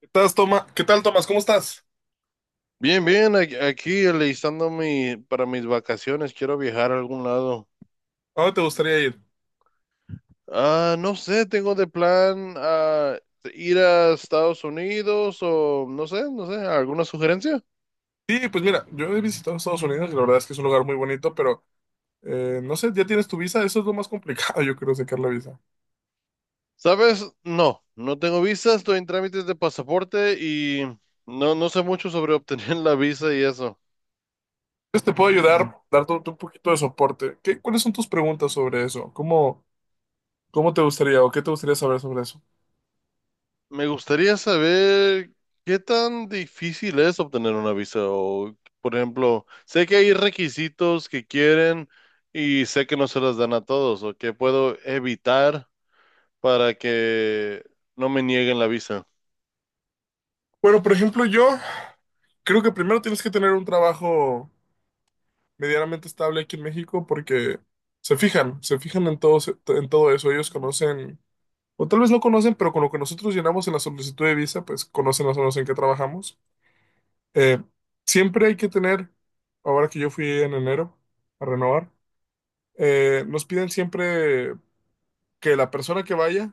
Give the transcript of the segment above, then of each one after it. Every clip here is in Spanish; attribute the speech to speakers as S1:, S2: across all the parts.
S1: ¿Estás, Toma? ¿Qué tal, Tomás? ¿Cómo estás?
S2: Bien, bien, aquí alistando para mis vacaciones, quiero viajar a algún lado.
S1: ¿A dónde te gustaría ir?
S2: No sé, tengo de plan ir a Estados Unidos o no sé, no sé, ¿alguna sugerencia?
S1: Sí, pues mira, yo he visitado Estados Unidos y la verdad es que es un lugar muy bonito, pero no sé, ¿ya tienes tu visa? Eso es lo más complicado, yo creo, sacar la visa.
S2: ¿Sabes? No, no tengo visa, estoy en trámites de pasaporte y no, no sé mucho sobre obtener la visa y eso.
S1: Entonces te puedo ayudar, darte un poquito de soporte. ¿Qué, cuáles son tus preguntas sobre eso? ¿Cómo te gustaría o qué te gustaría saber sobre eso?
S2: Me gustaría saber qué tan difícil es obtener una visa o, por ejemplo, sé que hay requisitos que quieren y sé que no se las dan a todos o que puedo evitar para que no me nieguen la visa.
S1: Bueno, por ejemplo, yo creo que primero tienes que tener un trabajo medianamente estable aquí en México porque se fijan en todo eso. Ellos conocen. O tal vez no conocen, pero con lo que nosotros llenamos en la solicitud de visa, pues conocen las zonas en que trabajamos. Eh, Siempre hay que tener, ahora que yo fui en enero a renovar, nos piden siempre que la persona que vaya,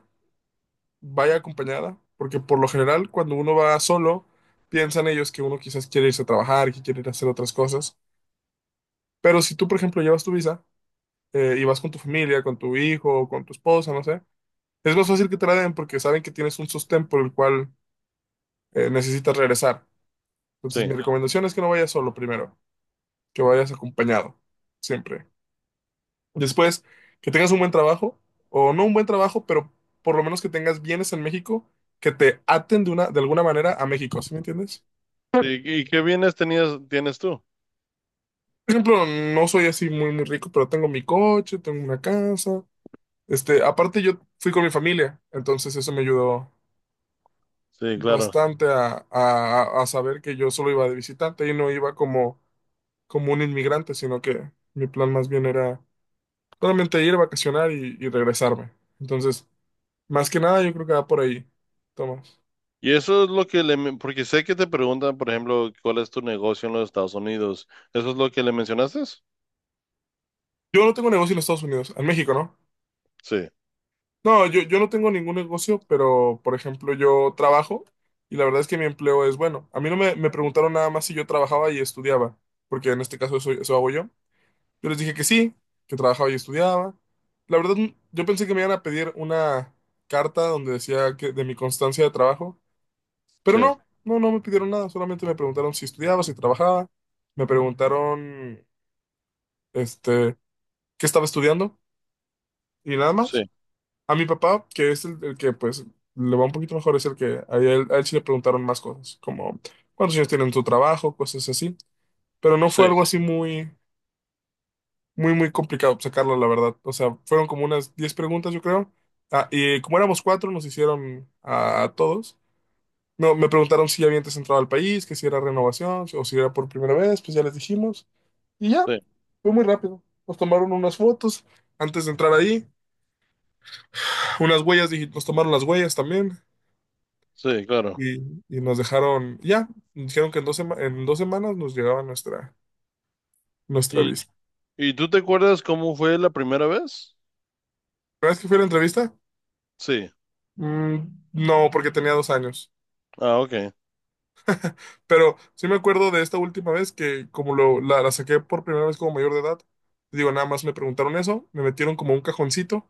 S1: vaya acompañada, porque por lo general cuando uno va solo, piensan ellos que uno quizás quiere irse a trabajar, que quiere ir a hacer otras cosas. Pero si tú, por ejemplo, llevas tu visa y vas con tu familia, con tu hijo, o con tu esposa, no sé, es más fácil que te la den porque saben que tienes un sostén por el cual necesitas regresar. Entonces, mi
S2: Sí.
S1: recomendación es que no vayas solo primero, que vayas acompañado, siempre. Después, que tengas un buen trabajo, o no un buen trabajo, pero por lo menos que tengas bienes en México que te aten de alguna manera a México, ¿sí me entiendes?
S2: Y qué bienes tenías, tienes tú?
S1: Por ejemplo, no soy así muy, muy rico, pero tengo mi coche, tengo una casa. Aparte, yo fui con mi familia, entonces eso me ayudó
S2: Sí, claro.
S1: bastante a saber que yo solo iba de visitante y no iba como, como un inmigrante, sino que mi plan más bien era solamente ir, vacacionar y regresarme. Entonces, más que nada, yo creo que va por ahí, Tomás.
S2: Y eso es lo que porque sé que te preguntan, por ejemplo, cuál es tu negocio en los Estados Unidos. ¿Eso es lo que le mencionaste?
S1: Yo no tengo negocio en Estados Unidos, en México, ¿no?
S2: Sí,
S1: No, yo no tengo ningún negocio, pero, por ejemplo, yo trabajo y la verdad es que mi empleo es bueno. A mí no me preguntaron nada más si yo trabajaba y estudiaba, porque en este caso eso hago yo. Yo les dije que sí, que trabajaba y estudiaba. La verdad, yo pensé que me iban a pedir una carta donde decía que de mi constancia de trabajo. Pero
S2: sí,
S1: no me pidieron nada, solamente me preguntaron si estudiaba, si trabajaba, me preguntaron, este, qué estaba estudiando y nada más.
S2: sí,
S1: A mi papá, que es el que pues le va un poquito mejor, es el que a él sí le preguntaron más cosas, como cuántos años tienen tu trabajo, cosas así. Pero no
S2: sí,
S1: fue algo así muy, muy, muy complicado sacarlo, la verdad. O sea, fueron como unas 10 preguntas, yo creo. Ah, y como éramos cuatro, nos hicieron a todos. Me preguntaron si ya había antes entrado al país, que si era renovación o si era por primera vez, pues ya les dijimos. Y ya,
S2: sí,
S1: fue muy rápido. Nos tomaron unas fotos antes de entrar ahí, unas huellas, nos tomaron las huellas también
S2: sí, claro.
S1: y, y nos dejaron, ya, dijeron que en 2 semanas nos llegaba nuestra, nuestra visa.
S2: ¿Y tú te acuerdas cómo fue la primera vez?
S1: ¿La vez que fui a la entrevista?
S2: Sí.
S1: Mm, no, porque tenía 2 años.
S2: Ah, ok.
S1: Pero sí me acuerdo de esta última vez que como la saqué por primera vez como mayor de edad, digo, nada más me preguntaron eso, me metieron como un cajoncito.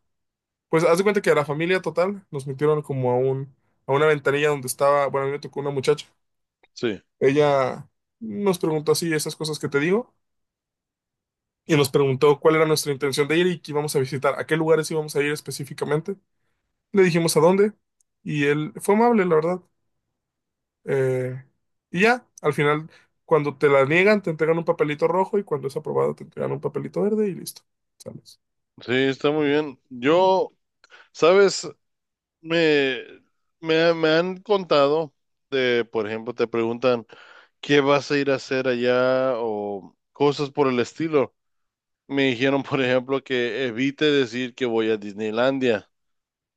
S1: Pues haz de cuenta que a la familia total nos metieron como a una ventanilla donde estaba, bueno, a mí me tocó una muchacha.
S2: Sí.
S1: Ella nos preguntó así esas cosas que te digo y nos preguntó cuál era nuestra intención de ir y qué íbamos a visitar, a qué lugares íbamos a ir específicamente. Le dijimos a dónde y él fue amable, la verdad. Eh, y ya, al final, cuando te la niegan, te entregan un papelito rojo y cuando es aprobado, te entregan un papelito verde y listo. Sales.
S2: Sí, está muy bien. Yo, sabes, me, me han contado de, por ejemplo, te preguntan, ¿qué vas a ir a hacer allá? O cosas por el estilo. Me dijeron, por ejemplo, que evite decir que voy a Disneylandia.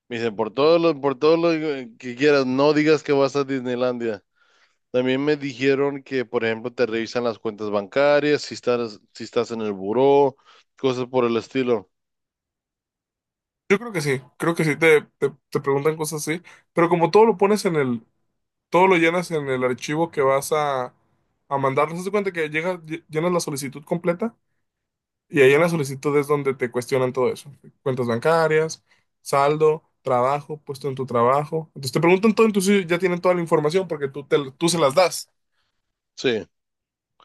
S2: Me dicen, por todo lo que quieras, no digas que vas a Disneylandia. También me dijeron que, por ejemplo, te revisan las cuentas bancarias, si estás en el buró, cosas por el estilo.
S1: Yo creo que sí, te preguntan cosas así, pero como todo lo pones todo lo llenas en el archivo que vas a mandar. Haz de cuenta que llenas la solicitud completa y ahí en la solicitud es donde te cuestionan todo eso. Cuentas bancarias, saldo, trabajo, puesto en tu trabajo. Entonces te preguntan todo, entonces ya tienen toda la información porque tú se las das.
S2: Sí,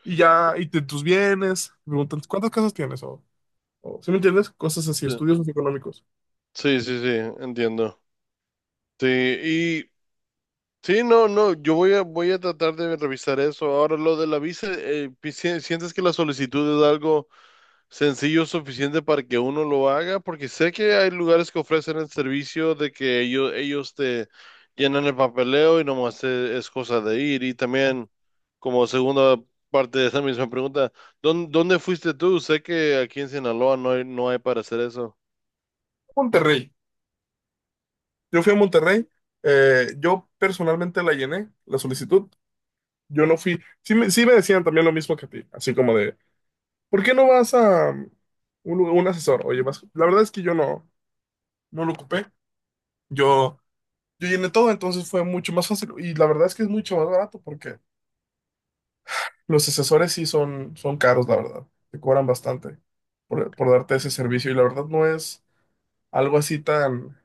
S1: Y ya, tus bienes, te preguntan cuántas casas tienes o ¿sí me entiendes? Cosas así,
S2: sí,
S1: estudios socioeconómicos.
S2: sí, sí, sí, entiendo. Sí. Sí, no, no, voy a tratar de revisar eso. Ahora, lo de la visa, ¿sientes que la solicitud es algo sencillo suficiente para que uno lo haga? Porque sé que hay lugares que ofrecen el servicio de que ellos te llenan el papeleo y nomás cosa de ir. Y también, como segunda parte de esa misma pregunta, ¿dónde fuiste tú? Sé que aquí en Sinaloa no hay para hacer eso.
S1: Monterrey. Yo fui a Monterrey. Yo personalmente la llené, la solicitud. Yo no fui. Sí me decían también lo mismo que a ti, así como de, ¿por qué no vas a un asesor? Oye, vas. La verdad es que yo no lo ocupé. Yo, yo llené todo, entonces fue mucho más fácil. Y la verdad es que es mucho más barato porque los asesores sí son caros, la verdad. Te cobran bastante por darte ese servicio. Y la verdad no es algo así tan,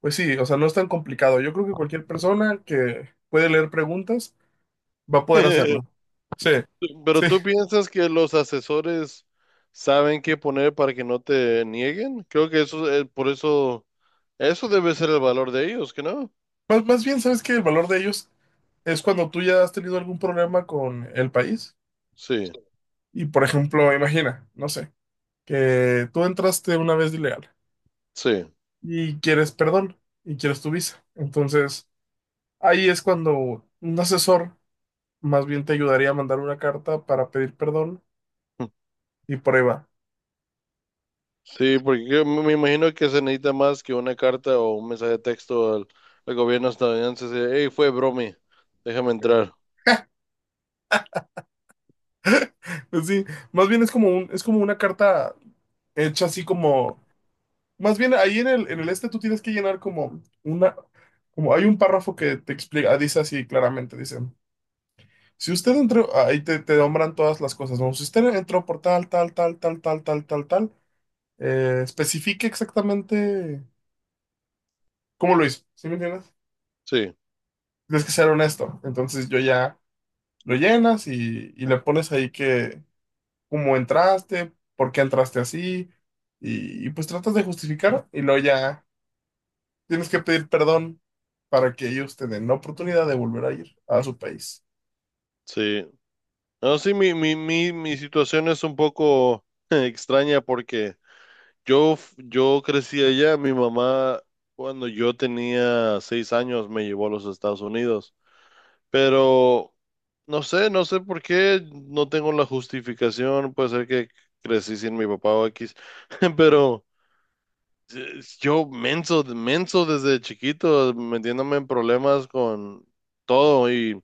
S1: pues sí, o sea, no es tan complicado. Yo creo que cualquier persona que puede leer preguntas va a poder hacerlo. Sí, sí.
S2: Pero ¿tú piensas que los asesores saben qué poner para que no te nieguen? Creo que eso debe ser el valor de ellos, ¿que no?
S1: Más bien, ¿sabes que el valor de ellos es cuando tú ya has tenido algún problema con el país?
S2: Sí,
S1: Y, por ejemplo, imagina, no sé, que tú entraste una vez de ilegal
S2: sí,
S1: y quieres perdón y quieres tu visa. Entonces, ahí es cuando un asesor más bien te ayudaría a mandar una carta para pedir perdón y por ahí va.
S2: sí, porque yo me imagino que se necesita más que una carta o un mensaje de texto al gobierno estadounidense. De, "Hey, fue bromi, déjame entrar".
S1: Pues sí, más bien es como una carta hecha así como. Más bien, ahí en el tú tienes que llenar como una, como hay un párrafo que te explica, dice así claramente, dice, si usted entró, ahí te, te nombran todas las cosas, ¿no? Si usted entró por tal, tal, tal, tal, tal, tal, tal, tal, especifique exactamente cómo lo hizo, ¿sí me entiendes?
S2: Sí,
S1: Tienes que ser honesto, entonces yo ya lo llenas y le pones ahí que, cómo entraste, por qué entraste así, y pues tratas de justificar y luego ya tienes que pedir perdón para que ellos tengan la oportunidad de volver a ir a su país.
S2: sí. No, sí, mi situación es un poco extraña porque Yo, yo crecí allá. Mi mamá, cuando yo tenía 6 años, me llevó a los Estados Unidos, pero no sé, no sé por qué, no tengo la justificación. Puede ser que crecí sin mi papá o X, pero yo menso, menso desde chiquito, metiéndome en problemas con todo, y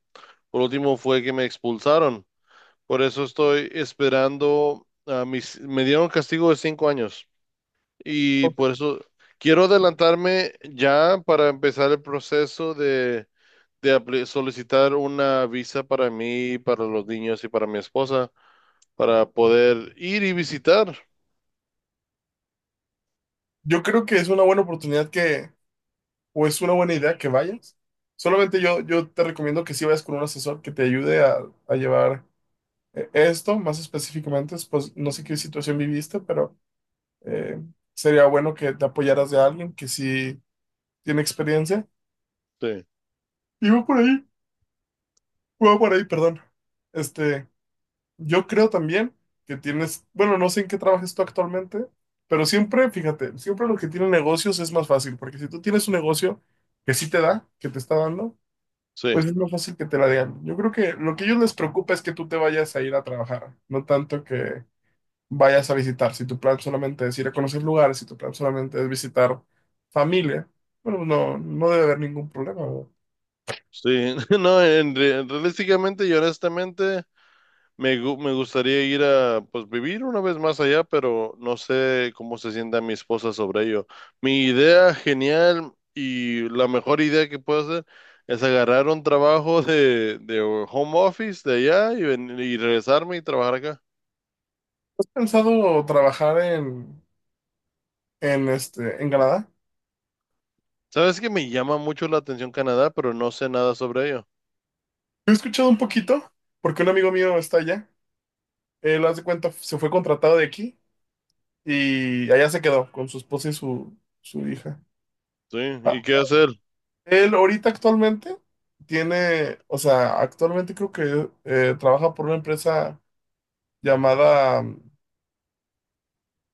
S2: por último fue que me expulsaron. Por eso estoy esperando a me dieron castigo de 5 años. Y por eso quiero adelantarme ya para empezar el proceso de solicitar una visa para mí, para los niños y para mi esposa, para poder ir y visitar.
S1: Yo creo que es una buena oportunidad que, o es una buena idea que vayas. Solamente yo te recomiendo que si vayas con un asesor que te ayude a llevar esto, más específicamente, pues no sé qué situación viviste, pero eh, sería bueno que te apoyaras de alguien que sí tiene experiencia.
S2: Sí,
S1: Y voy por ahí, perdón. Este, Yo creo también que tienes, bueno, no sé en qué trabajes tú actualmente, pero siempre, fíjate, siempre lo que tiene negocios es más fácil, porque si tú tienes un negocio que sí te da, que te está dando, pues
S2: sí,
S1: es más fácil que te la den. Yo creo que lo que a ellos les preocupa es que tú te vayas a ir a trabajar, no tanto que vayas a visitar. Si tu plan solamente es ir a conocer lugares, si tu plan solamente es visitar familia, bueno, pues no, no debe haber ningún problema, ¿no?
S2: sí. No, en, realísticamente y honestamente, me gustaría ir a, pues, vivir una vez más allá, pero no sé cómo se sienta mi esposa sobre ello. Mi idea genial y la mejor idea que puedo hacer es agarrar un trabajo de home office de allá y, y regresarme y trabajar acá.
S1: ¿Has pensado trabajar en Canadá?
S2: Sabes que me llama mucho la atención Canadá, pero no sé nada sobre ello.
S1: He escuchado un poquito, porque un amigo mío está allá. Él, haz de cuenta, se fue contratado de aquí y allá se quedó con su esposa y su hija.
S2: Sí,
S1: Ah,
S2: ¿y qué hacer?
S1: él ahorita actualmente tiene, o sea, actualmente creo que trabaja por una empresa llamada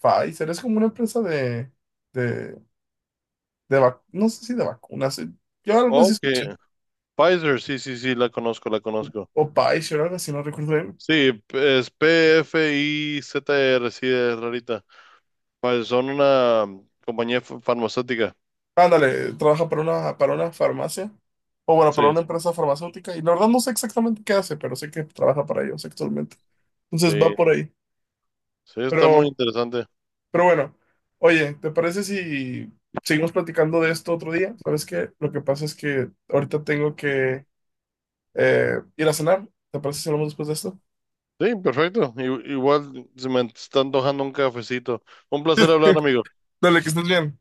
S1: Pfizer. Es como una empresa de, no sé si de vacunas. Yo algo así
S2: Ok,
S1: escuché.
S2: Pfizer, sí, sí, sí, la conozco, la conozco.
S1: O Pfizer, algo así, no recuerdo bien.
S2: Sí, es PFIZR, sí, es rarita. Pues son una compañía farmacéutica.
S1: Ándale, trabaja para una farmacia, o bueno, para una
S2: Sí,
S1: empresa farmacéutica, y la verdad no sé exactamente qué hace, pero sé que trabaja para ellos actualmente. Entonces va
S2: sí,
S1: por ahí.
S2: sí, está
S1: Pero,
S2: muy interesante.
S1: pero bueno, oye, ¿te parece si seguimos platicando de esto otro día? ¿Sabes qué? Lo que pasa es que ahorita tengo que ir a cenar. ¿Te parece si hablamos después de esto?
S2: Sí, perfecto. Igual se me está antojando un cafecito. Un placer hablar, amigo.
S1: Dale, que estés bien.